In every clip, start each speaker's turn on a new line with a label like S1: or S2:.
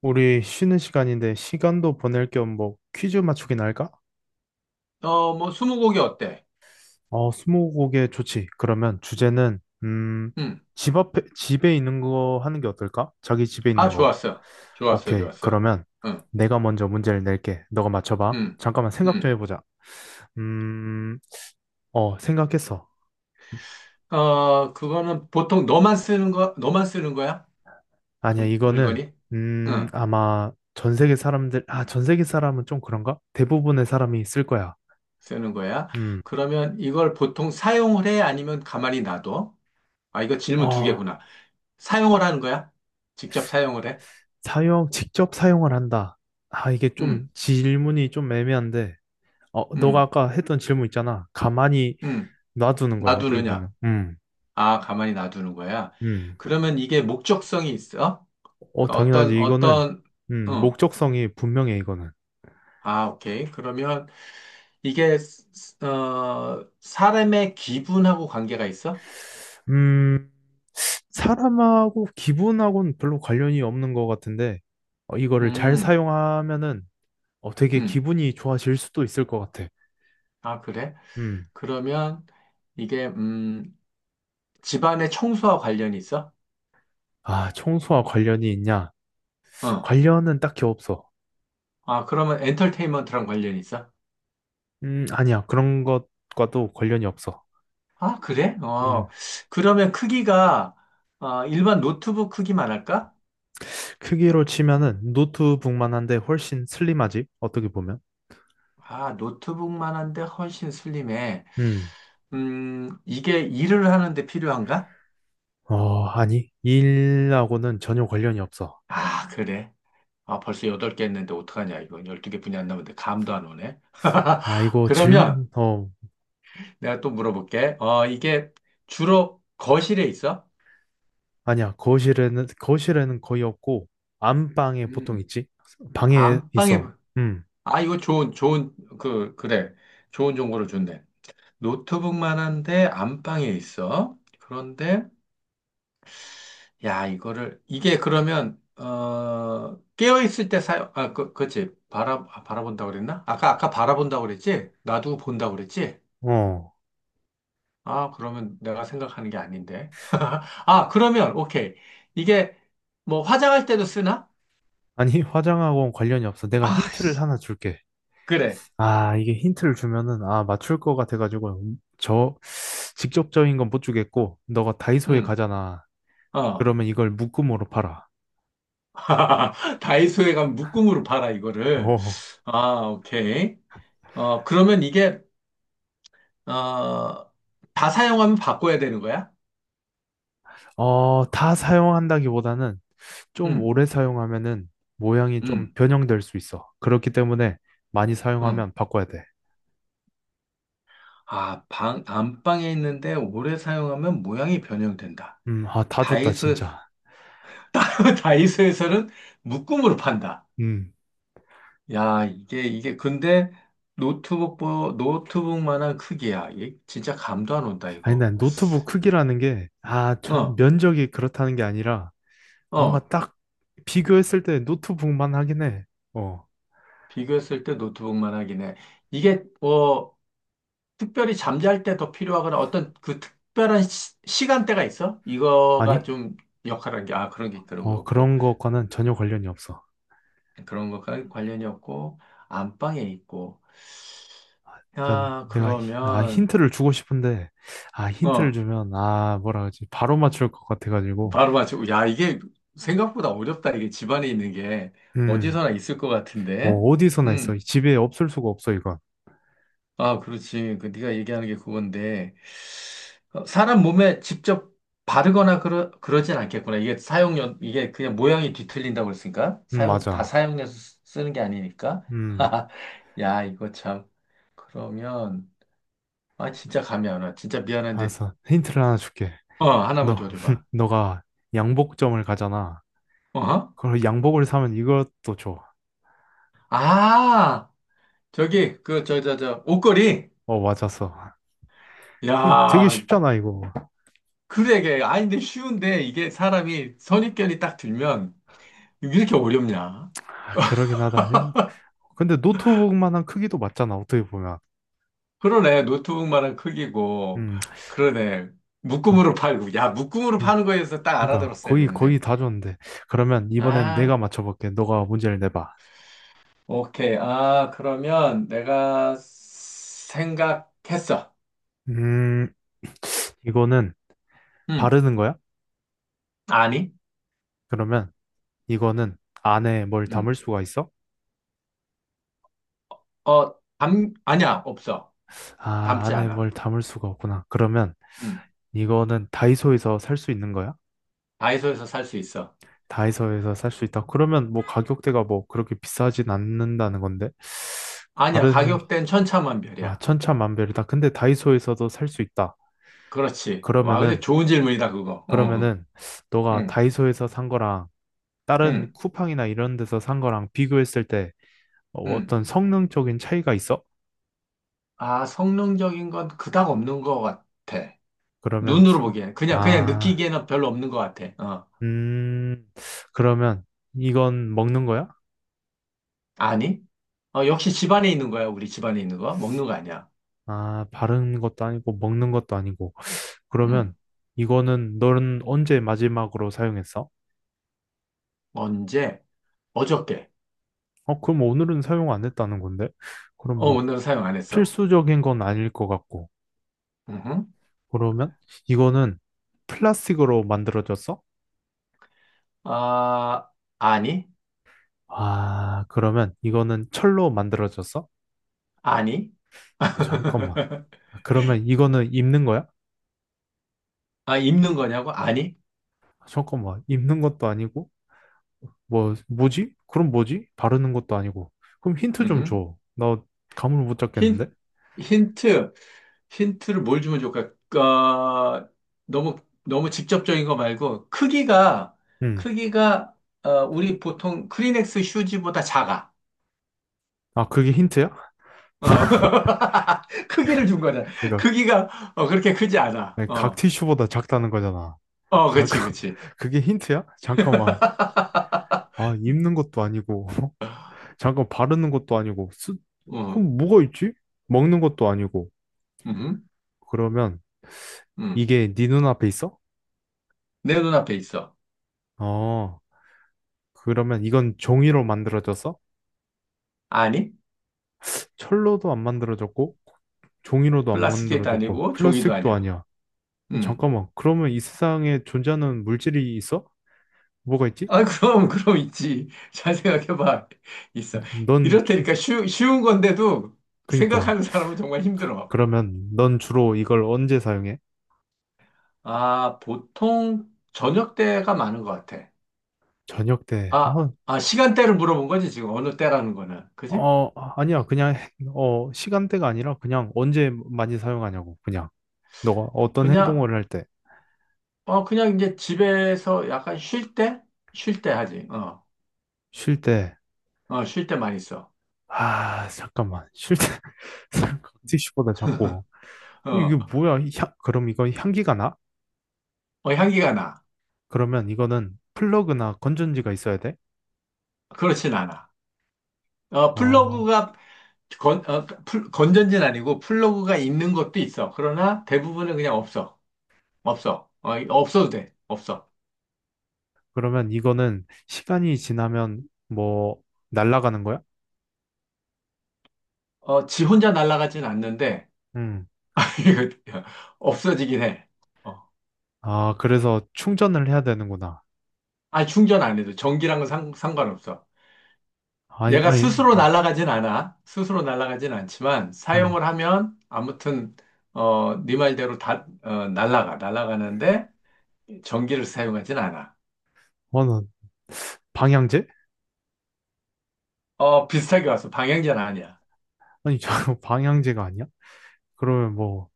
S1: 우리 쉬는 시간인데 시간도 보낼 겸 뭐 퀴즈 맞추기나 할까?
S2: 뭐, 스무고개 어때?
S1: 어, 스무고개 좋지. 그러면 주제는
S2: 응.
S1: 집 앞에 집에 있는 거 하는 게 어떨까? 자기 집에
S2: 아,
S1: 있는 거.
S2: 좋았어. 좋았어,
S1: 오케이.
S2: 좋았어.
S1: 그러면
S2: 응,
S1: 내가 먼저 문제를 낼게. 너가 맞춰봐.
S2: 응,
S1: 잠깐만 생각 좀
S2: 응.
S1: 해보자. 음, 생각했어.
S2: 그거는 보통 너만 쓰는 거야?
S1: 아니야,
S2: 그
S1: 이거는
S2: 물건이? 응,
S1: 아마 전 세계 사람들, 아, 전 세계 사람은 좀 그런가? 대부분의 사람이 쓸 거야.
S2: 쓰는 거야.
S1: 음,
S2: 그러면 이걸 보통 사용을 해? 아니면 가만히 놔둬? 아, 이거 질문 두
S1: 어,
S2: 개구나. 사용을 하는 거야? 직접 사용을 해?
S1: 직접 사용을 한다. 이게 좀
S2: 응,
S1: 질문이 좀 애매한데, 너가
S2: 응,
S1: 아까 했던 질문 있잖아. 가만히
S2: 응.
S1: 놔두는 거야, 어떻게
S2: 놔두느냐?
S1: 보면.
S2: 아, 가만히 놔두는 거야.
S1: 음.
S2: 그러면 이게 목적성이 있어?
S1: 어,
S2: 그러니까
S1: 당연하지. 이거는,
S2: 어,
S1: 목적성이 분명해, 이거는.
S2: 아, 오케이. 그러면 이게 사람의 기분하고 관계가 있어?
S1: 음, 사람하고 기분하고는 별로 관련이 없는 것 같은데, 이거를 잘
S2: 음,
S1: 사용하면은, 되게
S2: 음.
S1: 기분이 좋아질 수도 있을 것 같아.
S2: 아, 그래?
S1: 음.
S2: 그러면 이게 집안의 청소와 관련이 있어?
S1: 아, 청소와 관련이 있냐?
S2: 어.
S1: 관련은 딱히 없어.
S2: 아, 그러면 엔터테인먼트랑 관련이 있어?
S1: 아니야. 그런 것과도 관련이 없어.
S2: 아, 그래? 어.
S1: 음,
S2: 그러면 크기가 일반 노트북 크기만 할까?
S1: 크기로 치면은 노트북만 한데 훨씬 슬림하지? 어떻게 보면.
S2: 아, 노트북만 한데 훨씬 슬림해.
S1: 음,
S2: 이게 일을 하는데 필요한가?
S1: 아니. 일하고는 전혀 관련이 없어.
S2: 아, 그래. 아, 벌써 8개 했는데 어떡하냐, 이거. 1 2개분이 안 남았는데 감도 안 오네.
S1: 아, 이거
S2: 그러면
S1: 질문,
S2: 내가 또 물어볼게. 이게 주로 거실에 있어?
S1: 아니야. 거실에는 거의 없고, 안방에 보통
S2: 음,
S1: 있지? 방에
S2: 안방에,
S1: 있어. 음,
S2: 아, 이거 좋은, 그래. 좋은 정보를 줬네. 노트북만 한데 안방에 있어. 그런데, 야, 이게 그러면, 깨어있을 때 사용, 아, 그치. 바라본다고 그랬나? 아까 바라본다고 그랬지? 놔두고 본다고 그랬지?
S1: 어.
S2: 아, 그러면 내가 생각하는 게 아닌데. 아, 그러면, 오케이. 이게, 뭐, 화장할 때도 쓰나?
S1: 아니, 화장하고는 관련이 없어. 내가
S2: 아,
S1: 힌트를
S2: 씨,
S1: 하나 줄게.
S2: 그래.
S1: 이게 힌트를 주면은, 맞출 것 같아가지고, 직접적인 건 못 주겠고, 너가 다이소에
S2: 응,
S1: 가잖아.
S2: 어.
S1: 그러면 이걸 묶음으로 팔아.
S2: 다이소에 가면 묶음으로 팔아, 이거를.
S1: 어,
S2: 아, 오케이. 그러면 이게, 어, 다 사용하면 바꿔야 되는 거야?
S1: 다 사용한다기보다는 좀
S2: 응,
S1: 오래 사용하면은 모양이 좀
S2: 응,
S1: 변형될 수 있어. 그렇기 때문에 많이
S2: 응.
S1: 사용하면 바꿔야 돼.
S2: 아, 안방에 있는데 오래 사용하면 모양이 변형된다.
S1: 다 좋다,
S2: 다이소에서,
S1: 진짜.
S2: 다이소에서는 묶음으로 판다.
S1: 음.
S2: 야, 근데 노트북, 노트북만한 크기야. 이게 진짜 감도 안 온다,
S1: 아니,
S2: 이거.
S1: 난 노트북 크기라는 게,
S2: 어,
S1: 면적이 그렇다는 게 아니라, 뭔가
S2: 어.
S1: 딱 비교했을 때 노트북만 하긴 해. 어,
S2: 비교했을 때 노트북만하긴 해. 이게, 뭐, 특별히 잠잘 때 더 필요하거나 어떤 그 특별한 시, 간대가 있어? 이거가
S1: 아니?
S2: 좀 역할한 게, 아, 그런 게 없고.
S1: 그런 것과는 전혀 관련이 없어.
S2: 그런 것과 관련이 없고, 안방에 있고.
S1: 난
S2: 야,
S1: 내가
S2: 그러면,
S1: 힌트를 주고 싶은데 힌트를
S2: 어.
S1: 주면 뭐라 그러지 바로 맞출 것 같아가지고
S2: 바로 맞추고. 야, 이게 생각보다 어렵다. 이게 집안에 있는 게
S1: 음
S2: 어디서나 있을 것 같은데.
S1: 뭐 어디서나 있어
S2: 음.
S1: 이 집에 없을 수가 없어 이건
S2: 아, 그렇지. 그 네가 얘기하는 게 그건데. 사람 몸에 직접 바르거나 그러진 않겠구나. 이게 사용료, 이게 그냥 모양이 뒤틀린다고 그랬으니까. 다
S1: 맞아
S2: 사용해서 쓰는 게 아니니까.
S1: 음
S2: 야, 이거 참. 그러면, 아, 진짜 감이 안 와. 진짜 미안한데,
S1: 알았어 힌트를 하나 줄게
S2: 하나만
S1: 너
S2: 줘줘봐.
S1: 너가 양복점을 가잖아
S2: 어?
S1: 그럼 양복을 사면 이것도 줘어
S2: 아, 저기, 옷걸이.
S1: 맞았어 이 되게
S2: 야,
S1: 쉽잖아 이거
S2: 그래, 이게. 아닌데 쉬운데, 이게 사람이 선입견이 딱 들면, 왜 이렇게 어렵냐?
S1: 그러긴 하다 근데 노트북만한 크기도 맞잖아 어떻게 보면
S2: 그러네, 노트북만한 크기고,
S1: 음
S2: 그러네,
S1: 좋아
S2: 묶음으로 팔고. 야, 묶음으로
S1: 음.
S2: 파는 거에서 딱
S1: 그러니까
S2: 알아들었어야
S1: 거의 거의
S2: 되는데.
S1: 다 줬는데 그러면 이번엔 내가
S2: 아,
S1: 맞춰볼게. 너가 문제를 내봐.
S2: 오케이. 아, 그러면 내가 생각했어.
S1: 음, 이거는
S2: 음,
S1: 바르는 거야?
S2: 아니?
S1: 그러면 이거는 안에 뭘
S2: 음,
S1: 담을 수가 있어?
S2: 아니야, 없어.
S1: 아,
S2: 담지
S1: 안에 뭘
S2: 않아.
S1: 담을 수가 없구나. 그러면
S2: 음,
S1: 이거는 다이소에서 살 수 있는 거야?
S2: 다이소에서 살 수 있어.
S1: 다이소에서 살 수 있다. 그러면 뭐 가격대가 뭐 그렇게 비싸진 않는다는 건데
S2: 아니야,
S1: 바르는 게
S2: 가격대는
S1: 아,
S2: 천차만별이야.
S1: 천차만별이다. 근데 다이소에서도 살 수 있다.
S2: 그렇지. 와, 근데
S1: 그러면은
S2: 좋은 질문이다, 그거.
S1: 그러면은 너가
S2: 응,
S1: 다이소에서 산 거랑 다른
S2: 응,
S1: 쿠팡이나 이런 데서 산 거랑 비교했을 때
S2: 응.
S1: 어떤 성능적인 차이가 있어?
S2: 아, 성능적인 건 그닥 없는 것 같아.
S1: 그러면
S2: 눈으로
S1: 기-
S2: 보기에는. 그냥
S1: 아,
S2: 느끼기에는 별로 없는 것 같아.
S1: 음, 그러면 이건 먹는 거야?
S2: 아니? 역시 집안에 있는 거야, 우리 집안에 있는 거. 먹는 거 아니야.
S1: 아, 바르는 것도 아니고 먹는 것도 아니고.
S2: 음.
S1: 그러면 이거는 너는 언제 마지막으로 사용했어?
S2: 언제? 어저께.
S1: 그럼 오늘은 사용 안 했다는 건데. 그럼 뭐
S2: 오늘은 사용 안 했어.
S1: 필수적인 건 아닐 것 같고.
S2: 음.
S1: 그러면 이거는 플라스틱으로 만들어졌어?
S2: 아, 아니?
S1: 아, 그러면 이거는 철로 만들어졌어?
S2: 아니?
S1: 아, 잠깐만. 아, 그러면 이거는 입는 거야?
S2: 아, 입는 거냐고? 아니?
S1: 아, 잠깐만. 입는 것도 아니고, 뭐, 뭐지? 그럼 뭐지? 바르는 것도 아니고. 그럼 힌트 좀
S2: 음.
S1: 줘. 나 감을 못 잡겠는데?
S2: 힌, 힌트, 힌트를 뭘 주면 좋을까? 어, 너무, 너무 직접적인 거 말고, 크기가,
S1: 응.
S2: 크기가, 우리 보통 크리넥스 휴지보다 작아.
S1: 아, 그게 힌트야?
S2: 어. 크기를 준 거잖아.
S1: 그러니까,
S2: 크기가, 그렇게 크지 않아.
S1: 각
S2: 어,
S1: 티슈보다 작다는 거잖아.
S2: 어,
S1: 잠깐,
S2: 그치, 그치.
S1: 그게 힌트야? 잠깐만. 아, 입는 것도 아니고, 잠깐 바르는 것도 아니고, 쓰...
S2: 어,
S1: 그럼 뭐가 있지? 먹는 것도 아니고.
S2: 음,
S1: 그러면
S2: 음.
S1: 이게 네 눈앞에 있어?
S2: 내 눈앞에 있어.
S1: 어, 그러면 이건 종이로 만들어졌어?
S2: 아니,
S1: 철로도 안 만들어졌고 종이로도 안
S2: 플라스틱도
S1: 만들어졌고
S2: 아니고, 종이도
S1: 플라스틱도
S2: 아니야.
S1: 아니야.
S2: 음.
S1: 잠깐만, 그러면 이 세상에 존재하는 물질이 있어? 뭐가 있지?
S2: 아, 그럼 있지. 잘 생각해봐. 있어.
S1: 넌
S2: 이렇다니까 쉬운 건데도
S1: 그니까
S2: 생각하는 사람은 정말 힘들어.
S1: 그러면 넌 주로 이걸 언제 사용해?
S2: 아, 보통 저녁 때가 많은 것 같아.
S1: 저녁 때.
S2: 아, 아, 시간대를 물어본 거지, 지금. 어느 때라는 거는. 그지?
S1: 어, 아니야. 그냥 시간대가 아니라 그냥 언제 많이 사용하냐고. 그냥 너가 어떤
S2: 그냥,
S1: 행동을 할 때,
S2: 그냥 이제 집에서 약간 쉴 때? 쉴 때 하지. 어,
S1: 쉴 때.
S2: 어, 쉴 때 많이 써.
S1: 아, 잠깐만. 쉴 때. 티슈보다 작고. 이게
S2: 어,
S1: 뭐야? 그럼 이거 향기가 나?
S2: 어, 향기가 나.
S1: 그러면 이거는 플러그나 건전지가 있어야 돼?
S2: 그렇진 않아.
S1: 어,
S2: 플러그가 건전지는 아니고 플러그가 있는 것도 있어. 그러나 대부분은 그냥 없어. 없어. 없어도 돼. 없어.
S1: 그러면 이거는 시간이 지나면 뭐 날아가는 거야?
S2: 지 혼자 날아가진 않는데,
S1: 음.
S2: 이거 없어지긴 해. 어.
S1: 아, 그래서 충전을 해야 되는구나.
S2: 아니, 충전 안 해도. 전기랑은 상관없어.
S1: 아니,
S2: 얘가
S1: 아니,
S2: 스스로 날아가진 않아. 스스로 날아가진 않지만,
S1: 음.
S2: 사용을 하면, 아무튼, 네 말대로 다, 날아가. 날아가는데, 전기를 사용하진 않아.
S1: 는 방향제?
S2: 비슷하게 왔어. 방향제는 아니야.
S1: 아니, 저 방향제가 아니야? 그러면 뭐,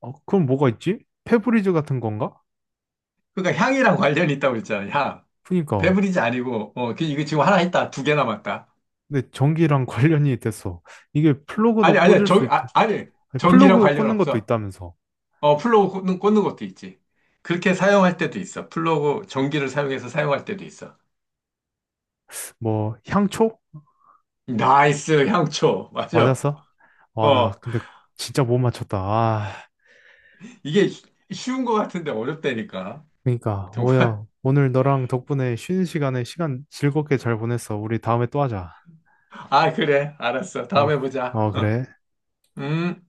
S1: 그럼 뭐가 있지? 페브리즈 같은 건가?
S2: 그러니까 향이랑 관련이 있다고 했잖아, 향.
S1: 그니까.
S2: 배브리지 아니고, 이거 지금 하나 했다. 두개 남았다.
S1: 근데 전기랑 관련이 됐어. 이게
S2: 아니,
S1: 플러그도
S2: 아니야.
S1: 꽂을 수 있,
S2: 아니.
S1: 아니,
S2: 전기랑
S1: 플러그
S2: 관련
S1: 꽂는 것도
S2: 없어.
S1: 있다면서.
S2: 플러그 꽂는 것도 있지. 그렇게 사용할 때도 있어. 플러그, 전기를 사용해서 사용할 때도 있어.
S1: 뭐, 향초?
S2: 나이스, 향초. 맞아.
S1: 맞았어? 와, 나
S2: 어,
S1: 근데 진짜 못 맞췄다.
S2: 이게 쉬운 것 같은데 어렵다니까.
S1: 그러니까
S2: 정말.
S1: 오야 오늘 너랑 덕분에 쉬는 시간에 시간 즐겁게 잘 보냈어. 우리 다음에 또 하자.
S2: 아, 그래. 알았어.
S1: 어,
S2: 다음에 보자.
S1: 어
S2: 어.
S1: 그래.
S2: 음.